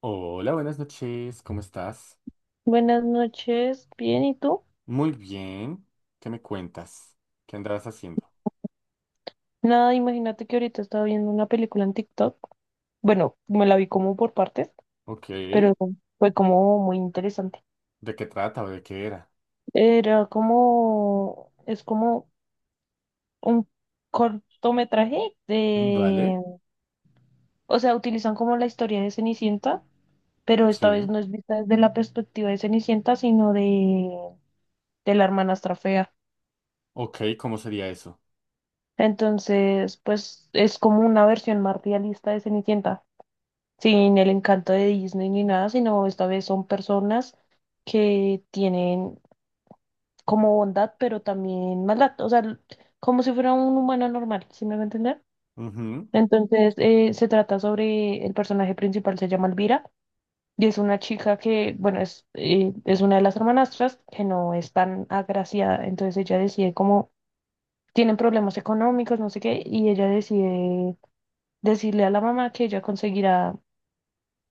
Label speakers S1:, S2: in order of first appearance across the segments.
S1: Hola, buenas noches, ¿cómo estás?
S2: Buenas noches, bien, ¿y tú?
S1: Muy bien, ¿qué me cuentas? ¿Qué andabas haciendo?
S2: Nada, imagínate que ahorita estaba viendo una película en TikTok. Bueno, me la vi como por partes,
S1: Ok,
S2: pero
S1: ¿de
S2: fue como muy interesante.
S1: qué trata o de qué era?
S2: Era como, es como un cortometraje
S1: Vale,
S2: de, o sea, utilizan como la historia de Cenicienta, pero esta vez
S1: sí.
S2: no es vista desde la perspectiva de Cenicienta, sino de la hermanastra fea.
S1: Ok, ¿cómo sería eso?
S2: Entonces, pues es como una versión más realista de Cenicienta, sin el encanto de Disney ni nada, sino esta vez son personas que tienen como bondad, pero también maldad, o sea, como si fuera un humano normal, ¿sí me va a entender?
S1: Ujú,
S2: Entonces, se trata sobre el personaje principal, se llama Elvira, y es una chica que, bueno, es una de las hermanastras que no es tan agraciada, entonces ella decide como, tienen problemas económicos, no sé qué, y ella decide decirle a la mamá que ella conseguirá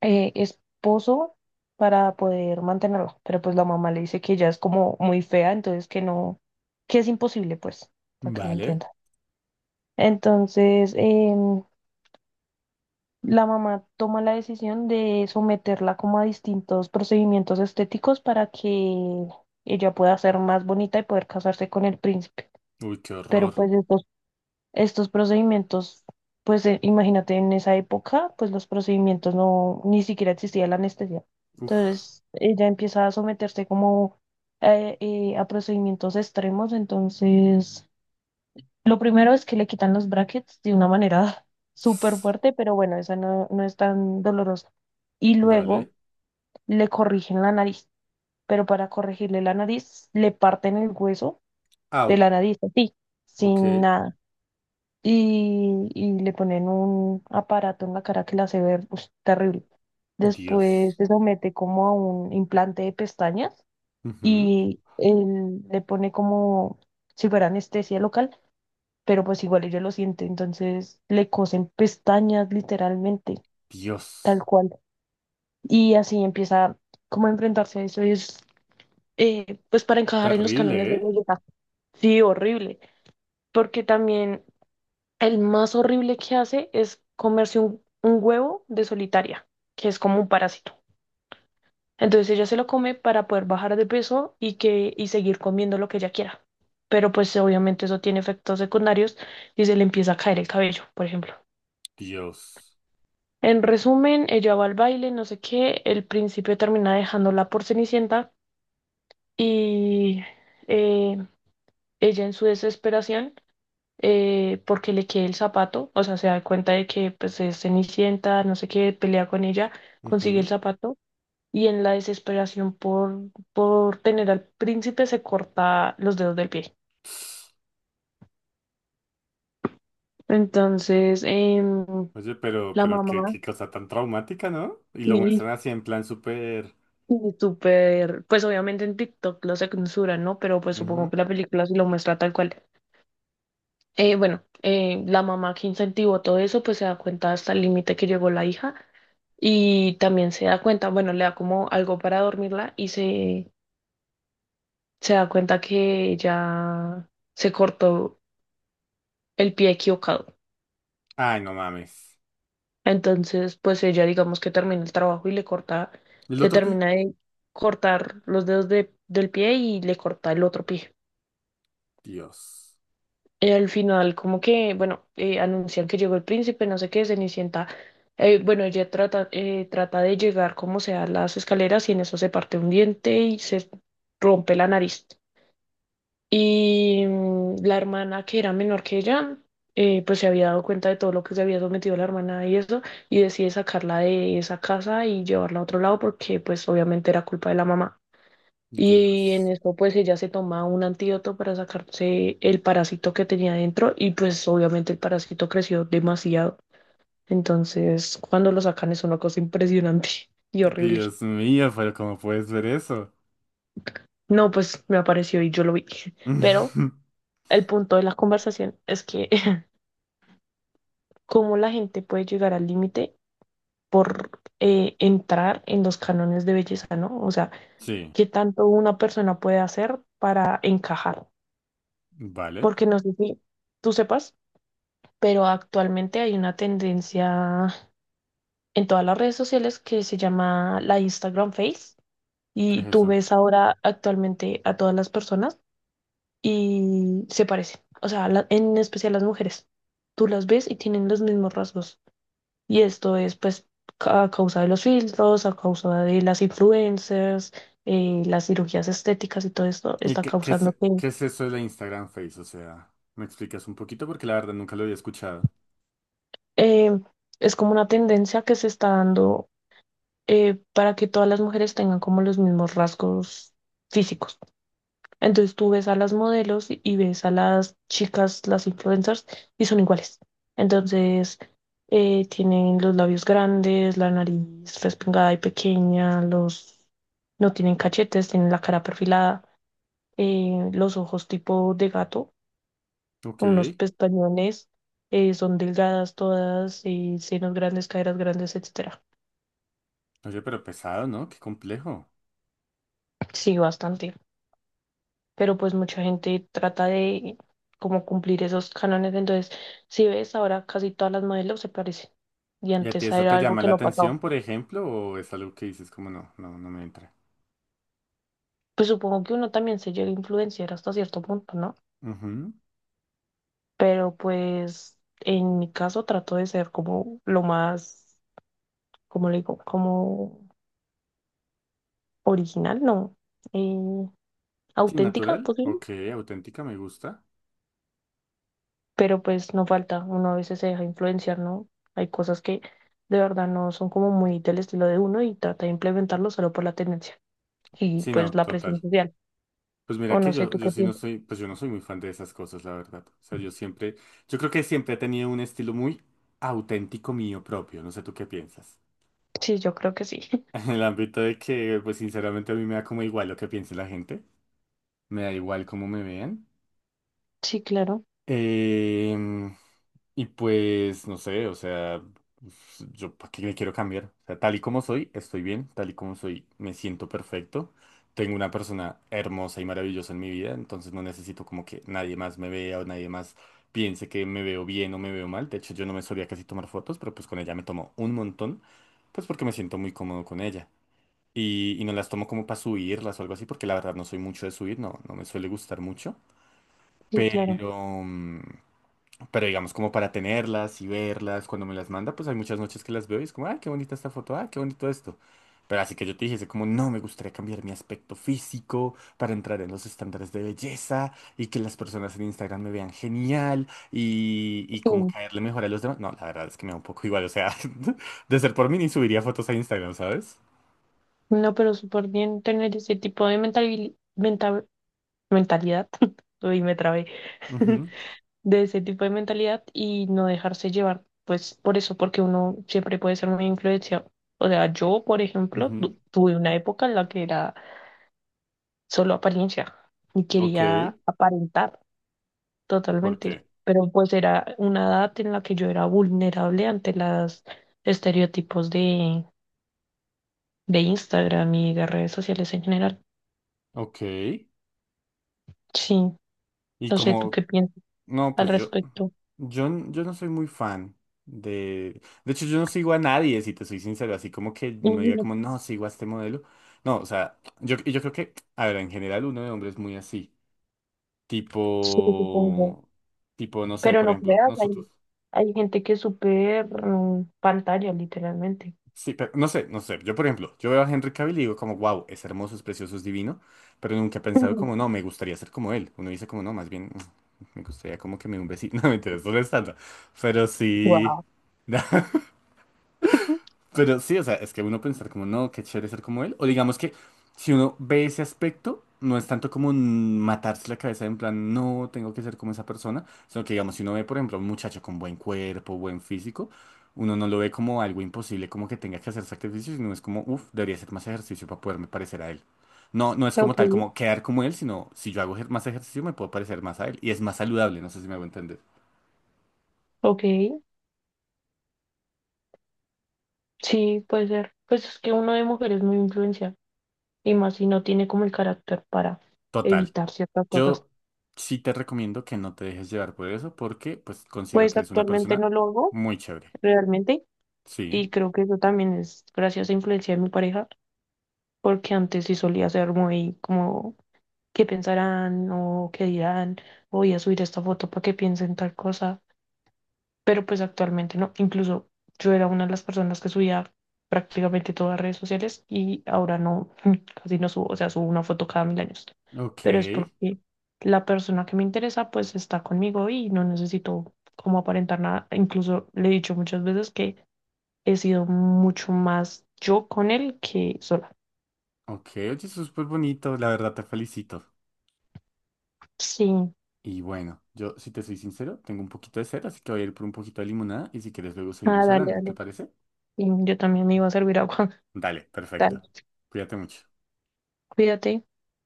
S2: esposo para poder mantenerla, pero pues la mamá le dice que ella es como muy fea, entonces que no, que es imposible, pues, para que lo
S1: vale.
S2: entienda. Entonces, la mamá toma la decisión de someterla como a distintos procedimientos estéticos para que ella pueda ser más bonita y poder casarse con el príncipe.
S1: Uy, qué
S2: Pero
S1: horror.
S2: pues estos procedimientos, pues imagínate en esa época, pues los procedimientos no, ni siquiera existía la anestesia.
S1: Uf.
S2: Entonces ella empieza a someterse como a procedimientos extremos. Entonces, lo primero es que le quitan los brackets de una manera súper fuerte, pero bueno, esa no, no es tan dolorosa. Y
S1: Vale.
S2: luego le corrigen la nariz, pero para corregirle la nariz, le parten el hueso de
S1: Au.
S2: la nariz, así,
S1: Ok.
S2: sin nada, y le ponen un aparato en la cara que la hace ver ush, terrible. Después
S1: Dios.
S2: se somete como a un implante de pestañas
S1: Ujú,
S2: y él le pone como si fuera anestesia local, pero pues igual ella lo siente, entonces le cosen pestañas literalmente,
S1: Dios.
S2: tal cual. Y así empieza como a enfrentarse a eso y es, pues para encajar en los
S1: Terrible,
S2: cánones de
S1: ¿eh?
S2: belleza. Sí, horrible, porque también el más horrible que hace es comerse un huevo de solitaria, que es como un parásito. Entonces ella se lo come para poder bajar de peso y que y seguir comiendo lo que ella quiera. Pero pues obviamente eso tiene efectos secundarios y se le empieza a caer el cabello, por ejemplo.
S1: Dios.
S2: En resumen, ella va al baile, no sé qué, el príncipe termina dejándola por Cenicienta y eh, ella en su desesperación, porque le quede el zapato, o sea, se da cuenta de que pues es Cenicienta, no sé qué, pelea con ella, consigue el
S1: Ujú.
S2: zapato y en la desesperación por, tener al príncipe se corta los dedos del pie. Entonces,
S1: Oye, pero,
S2: la
S1: pero qué,
S2: mamá
S1: qué cosa tan traumática, ¿no? Y lo
S2: sí.
S1: muestran así en plan súper...
S2: Y súper, pues obviamente en TikTok lo censuran, ¿no? Pero pues supongo
S1: Ujú.
S2: que la película sí lo muestra tal cual. Bueno, la mamá, que incentivó todo eso, pues se da cuenta hasta el límite que llegó la hija y también se da cuenta, bueno, le da como algo para dormirla y se da cuenta que ella se cortó el pie equivocado.
S1: Ay, no mames.
S2: Entonces, pues ella digamos que termina el trabajo y
S1: ¿El
S2: le
S1: otro pi?
S2: termina de cortar los dedos del pie y le corta el otro pie.
S1: Dios.
S2: Y al final, como que, bueno, anuncian que llegó el príncipe, no sé qué, Cenicienta. Bueno, ella trata, trata de llegar como sea a las escaleras y en eso se parte un diente y se rompe la nariz. Y la hermana, que era menor que ella, pues se había dado cuenta de todo lo que se había sometido la hermana y eso, y decide sacarla de esa casa y llevarla a otro lado porque, pues, obviamente era culpa de la mamá. Y en
S1: Dios.
S2: eso pues ella se toma un antídoto para sacarse el parásito que tenía dentro y pues obviamente el parásito creció demasiado. Entonces cuando lo sacan es una cosa impresionante y horrible.
S1: Dios mío, pero ¿cómo puedes ver eso?
S2: No, pues me apareció y yo lo vi. Pero el punto de la conversación es que cómo la gente puede llegar al límite por, entrar en los cánones de belleza, ¿no? O sea,
S1: Sí,
S2: qué tanto una persona puede hacer para encajar.
S1: vale.
S2: Porque no sé si tú sepas, pero actualmente hay una tendencia en todas las redes sociales que se llama la Instagram Face,
S1: ¿Qué es
S2: y tú
S1: eso?
S2: ves ahora actualmente a todas las personas y se parecen, o sea, en especial las mujeres. Tú las ves y tienen los mismos rasgos. Y esto es pues, a causa de los filtros, a causa de las influencers, las cirugías estéticas, y todo esto
S1: ¿Y
S2: está
S1: qué,
S2: causando que,
S1: qué es eso de la Instagram Face? O sea, ¿me explicas un poquito? Porque la verdad nunca lo había escuchado.
S2: eh, es como una tendencia que se está dando, para que todas las mujeres tengan como los mismos rasgos físicos. Entonces tú ves a las modelos y ves a las chicas, las influencers, y son iguales. Entonces, tienen los labios grandes, la nariz respingada y pequeña, los no tienen cachetes, tienen la cara perfilada, los ojos tipo de gato,
S1: Ok.
S2: unos pestañones, son delgadas todas, y senos grandes, caderas grandes, etcétera.
S1: Oye, pero pesado, ¿no? Qué complejo.
S2: Sí, bastante, pero pues mucha gente trata de como cumplir esos cánones. Entonces, si ves, ahora casi todas las modelos se parecen y
S1: ¿Y a ti
S2: antes
S1: eso
S2: era
S1: te
S2: algo
S1: llama
S2: que
S1: la
S2: no pasaba.
S1: atención, por ejemplo? ¿O es algo que dices como no, no, no me entra?
S2: Pues supongo que uno también se llega a influenciar hasta cierto punto, ¿no?
S1: Ujú.
S2: Pero pues en mi caso trato de ser como lo más, como le digo, como original, ¿no? Eh,
S1: Sí,
S2: Auténtica,
S1: natural.
S2: pues sí.
S1: Ok, auténtica, me gusta.
S2: Pero pues no falta, uno a veces se deja influenciar, ¿no? Hay cosas que de verdad no son como muy del estilo de uno y trata de implementarlo solo por la tendencia y
S1: Sí,
S2: pues
S1: no,
S2: la presión
S1: total.
S2: social.
S1: Pues mira
S2: O
S1: que
S2: no sé,
S1: yo,
S2: ¿tú
S1: yo
S2: qué
S1: sí no
S2: piensas?
S1: soy, pues yo no soy muy fan de esas cosas, la verdad. O sea, yo siempre, yo creo que siempre he tenido un estilo muy auténtico mío propio. No sé tú qué piensas.
S2: Sí, yo creo que sí.
S1: En el ámbito de que, pues sinceramente a mí me da como igual lo que piense la gente. Me da igual cómo me vean.
S2: Sí, claro,
S1: Em, Y pues, no sé, o sea, pues, yo para qué me quiero cambiar. O sea, tal y como soy, estoy bien, tal y como soy, me siento perfecto. Tengo una persona hermosa y maravillosa en mi vida, entonces no necesito como que nadie más me vea o nadie más piense que me veo bien o me veo mal. De hecho, yo no me solía casi tomar fotos, pero pues con ella me tomo un montón, pues porque me siento muy cómodo con ella. Y no las tomo como para subirlas o algo así, porque la verdad no soy mucho de subir, no, no me suele gustar mucho.
S2: sí, claro.
S1: Pero, mm, pero digamos, como para tenerlas y verlas, cuando me las manda, pues hay muchas noches que las veo y es como, ah, qué bonita esta foto, ah, qué bonito esto. Pero así que yo te dijese como, no, me gustaría cambiar mi aspecto físico para entrar en los estándares de belleza y que las personas en Instagram me vean genial y
S2: Sí.
S1: como caerle mejor a los demás. No, la verdad es que me da un poco igual, o sea, de ser por mí ni subiría fotos a Instagram, ¿sabes?
S2: No, pero súper bien tener ese tipo de mentalidad. Uy, me trabé.
S1: Ujú,
S2: De ese tipo de mentalidad y no dejarse llevar, pues por eso, porque uno siempre puede ser muy influenciado. O sea, yo, por ejemplo,
S1: ujú.
S2: tuve una época en la que era solo apariencia y
S1: Ok,
S2: quería aparentar
S1: ¿por
S2: totalmente,
S1: qué?
S2: pero pues era una edad en la que yo era vulnerable ante los estereotipos de, Instagram y de redes sociales en general.
S1: Ok.
S2: Sí,
S1: ¿Y
S2: no sé, ¿tú
S1: como
S2: qué piensas
S1: No,
S2: al
S1: pues yo,
S2: respecto?
S1: yo, yo no soy muy fan de... De hecho, yo no sigo a nadie, si te soy sincero, así como que no diga
S2: Ujú,
S1: como, no, sigo a este modelo. No, o sea, yo, y yo creo que, a ver, en general uno de hombres es muy así,
S2: sí, supongo.
S1: tipo, tipo, no sé,
S2: Pero
S1: por
S2: no
S1: ejemplo,
S2: creas,
S1: nosotros...
S2: hay gente que es súper, pantalla, literalmente.
S1: Sí, pero no sé, no sé. Yo, por ejemplo, yo veo a Henry Cavill y digo como, wow, es hermoso, es precioso, es divino, pero nunca he pensado como, no, me gustaría ser como él. Uno dice como, no, más bien, mm, me gustaría como que me dé un besito. No, me interesa, no es tanto. Pero sí...
S2: Wow.
S1: Pero sí, o sea, es que uno pensar como, no, qué chévere ser como él. O digamos que si uno ve ese aspecto, no es tanto como mm, matarse la cabeza en plan, no, tengo que ser como esa persona, sino que digamos, si uno ve, por ejemplo, a un muchacho con buen cuerpo, buen físico, uno no lo ve como algo imposible, como que tenga que hacer sacrificios, sino es como, uff, debería hacer más ejercicio para poderme parecer a él. No, no es como
S2: Ok,
S1: tal, como quedar como él, sino si yo hago más ejercicio me puedo parecer más a él. Y es más saludable, no sé si me hago entender.
S2: ok, sí, puede ser. Pues es que uno de mujeres muy influencia, y más si no tiene como el carácter para
S1: Total.
S2: evitar ciertas cosas.
S1: Yo sí te recomiendo que no te dejes llevar por eso porque pues considero
S2: Pues
S1: que eres una
S2: actualmente
S1: persona
S2: no lo hago
S1: muy chévere.
S2: realmente,
S1: Sí.
S2: y creo que eso también es gracias a influencia de mi pareja, porque antes sí solía ser muy como qué pensarán o qué dirán, voy a subir esta foto para que piensen tal cosa, pero pues actualmente no. Incluso yo era una de las personas que subía prácticamente todas las redes sociales y ahora no, casi no subo, o sea, subo una foto cada mil años.
S1: Ok.
S2: Pero es porque la persona que me interesa pues está conmigo y no necesito como aparentar nada. Incluso le he dicho muchas veces que he sido mucho más yo con él que sola.
S1: Ok. Oye, eso es súper bonito. La verdad te felicito.
S2: Sí.
S1: Y bueno, yo si te soy sincero, tengo un poquito de sed, así que voy a ir por un poquito de limonada y si quieres luego
S2: Ah,
S1: seguimos
S2: dale,
S1: hablando. ¿Te
S2: dale.
S1: parece?
S2: Yo también me iba a servir agua.
S1: Dale, perfecto.
S2: Dale,
S1: Cuídate mucho.
S2: cuídate.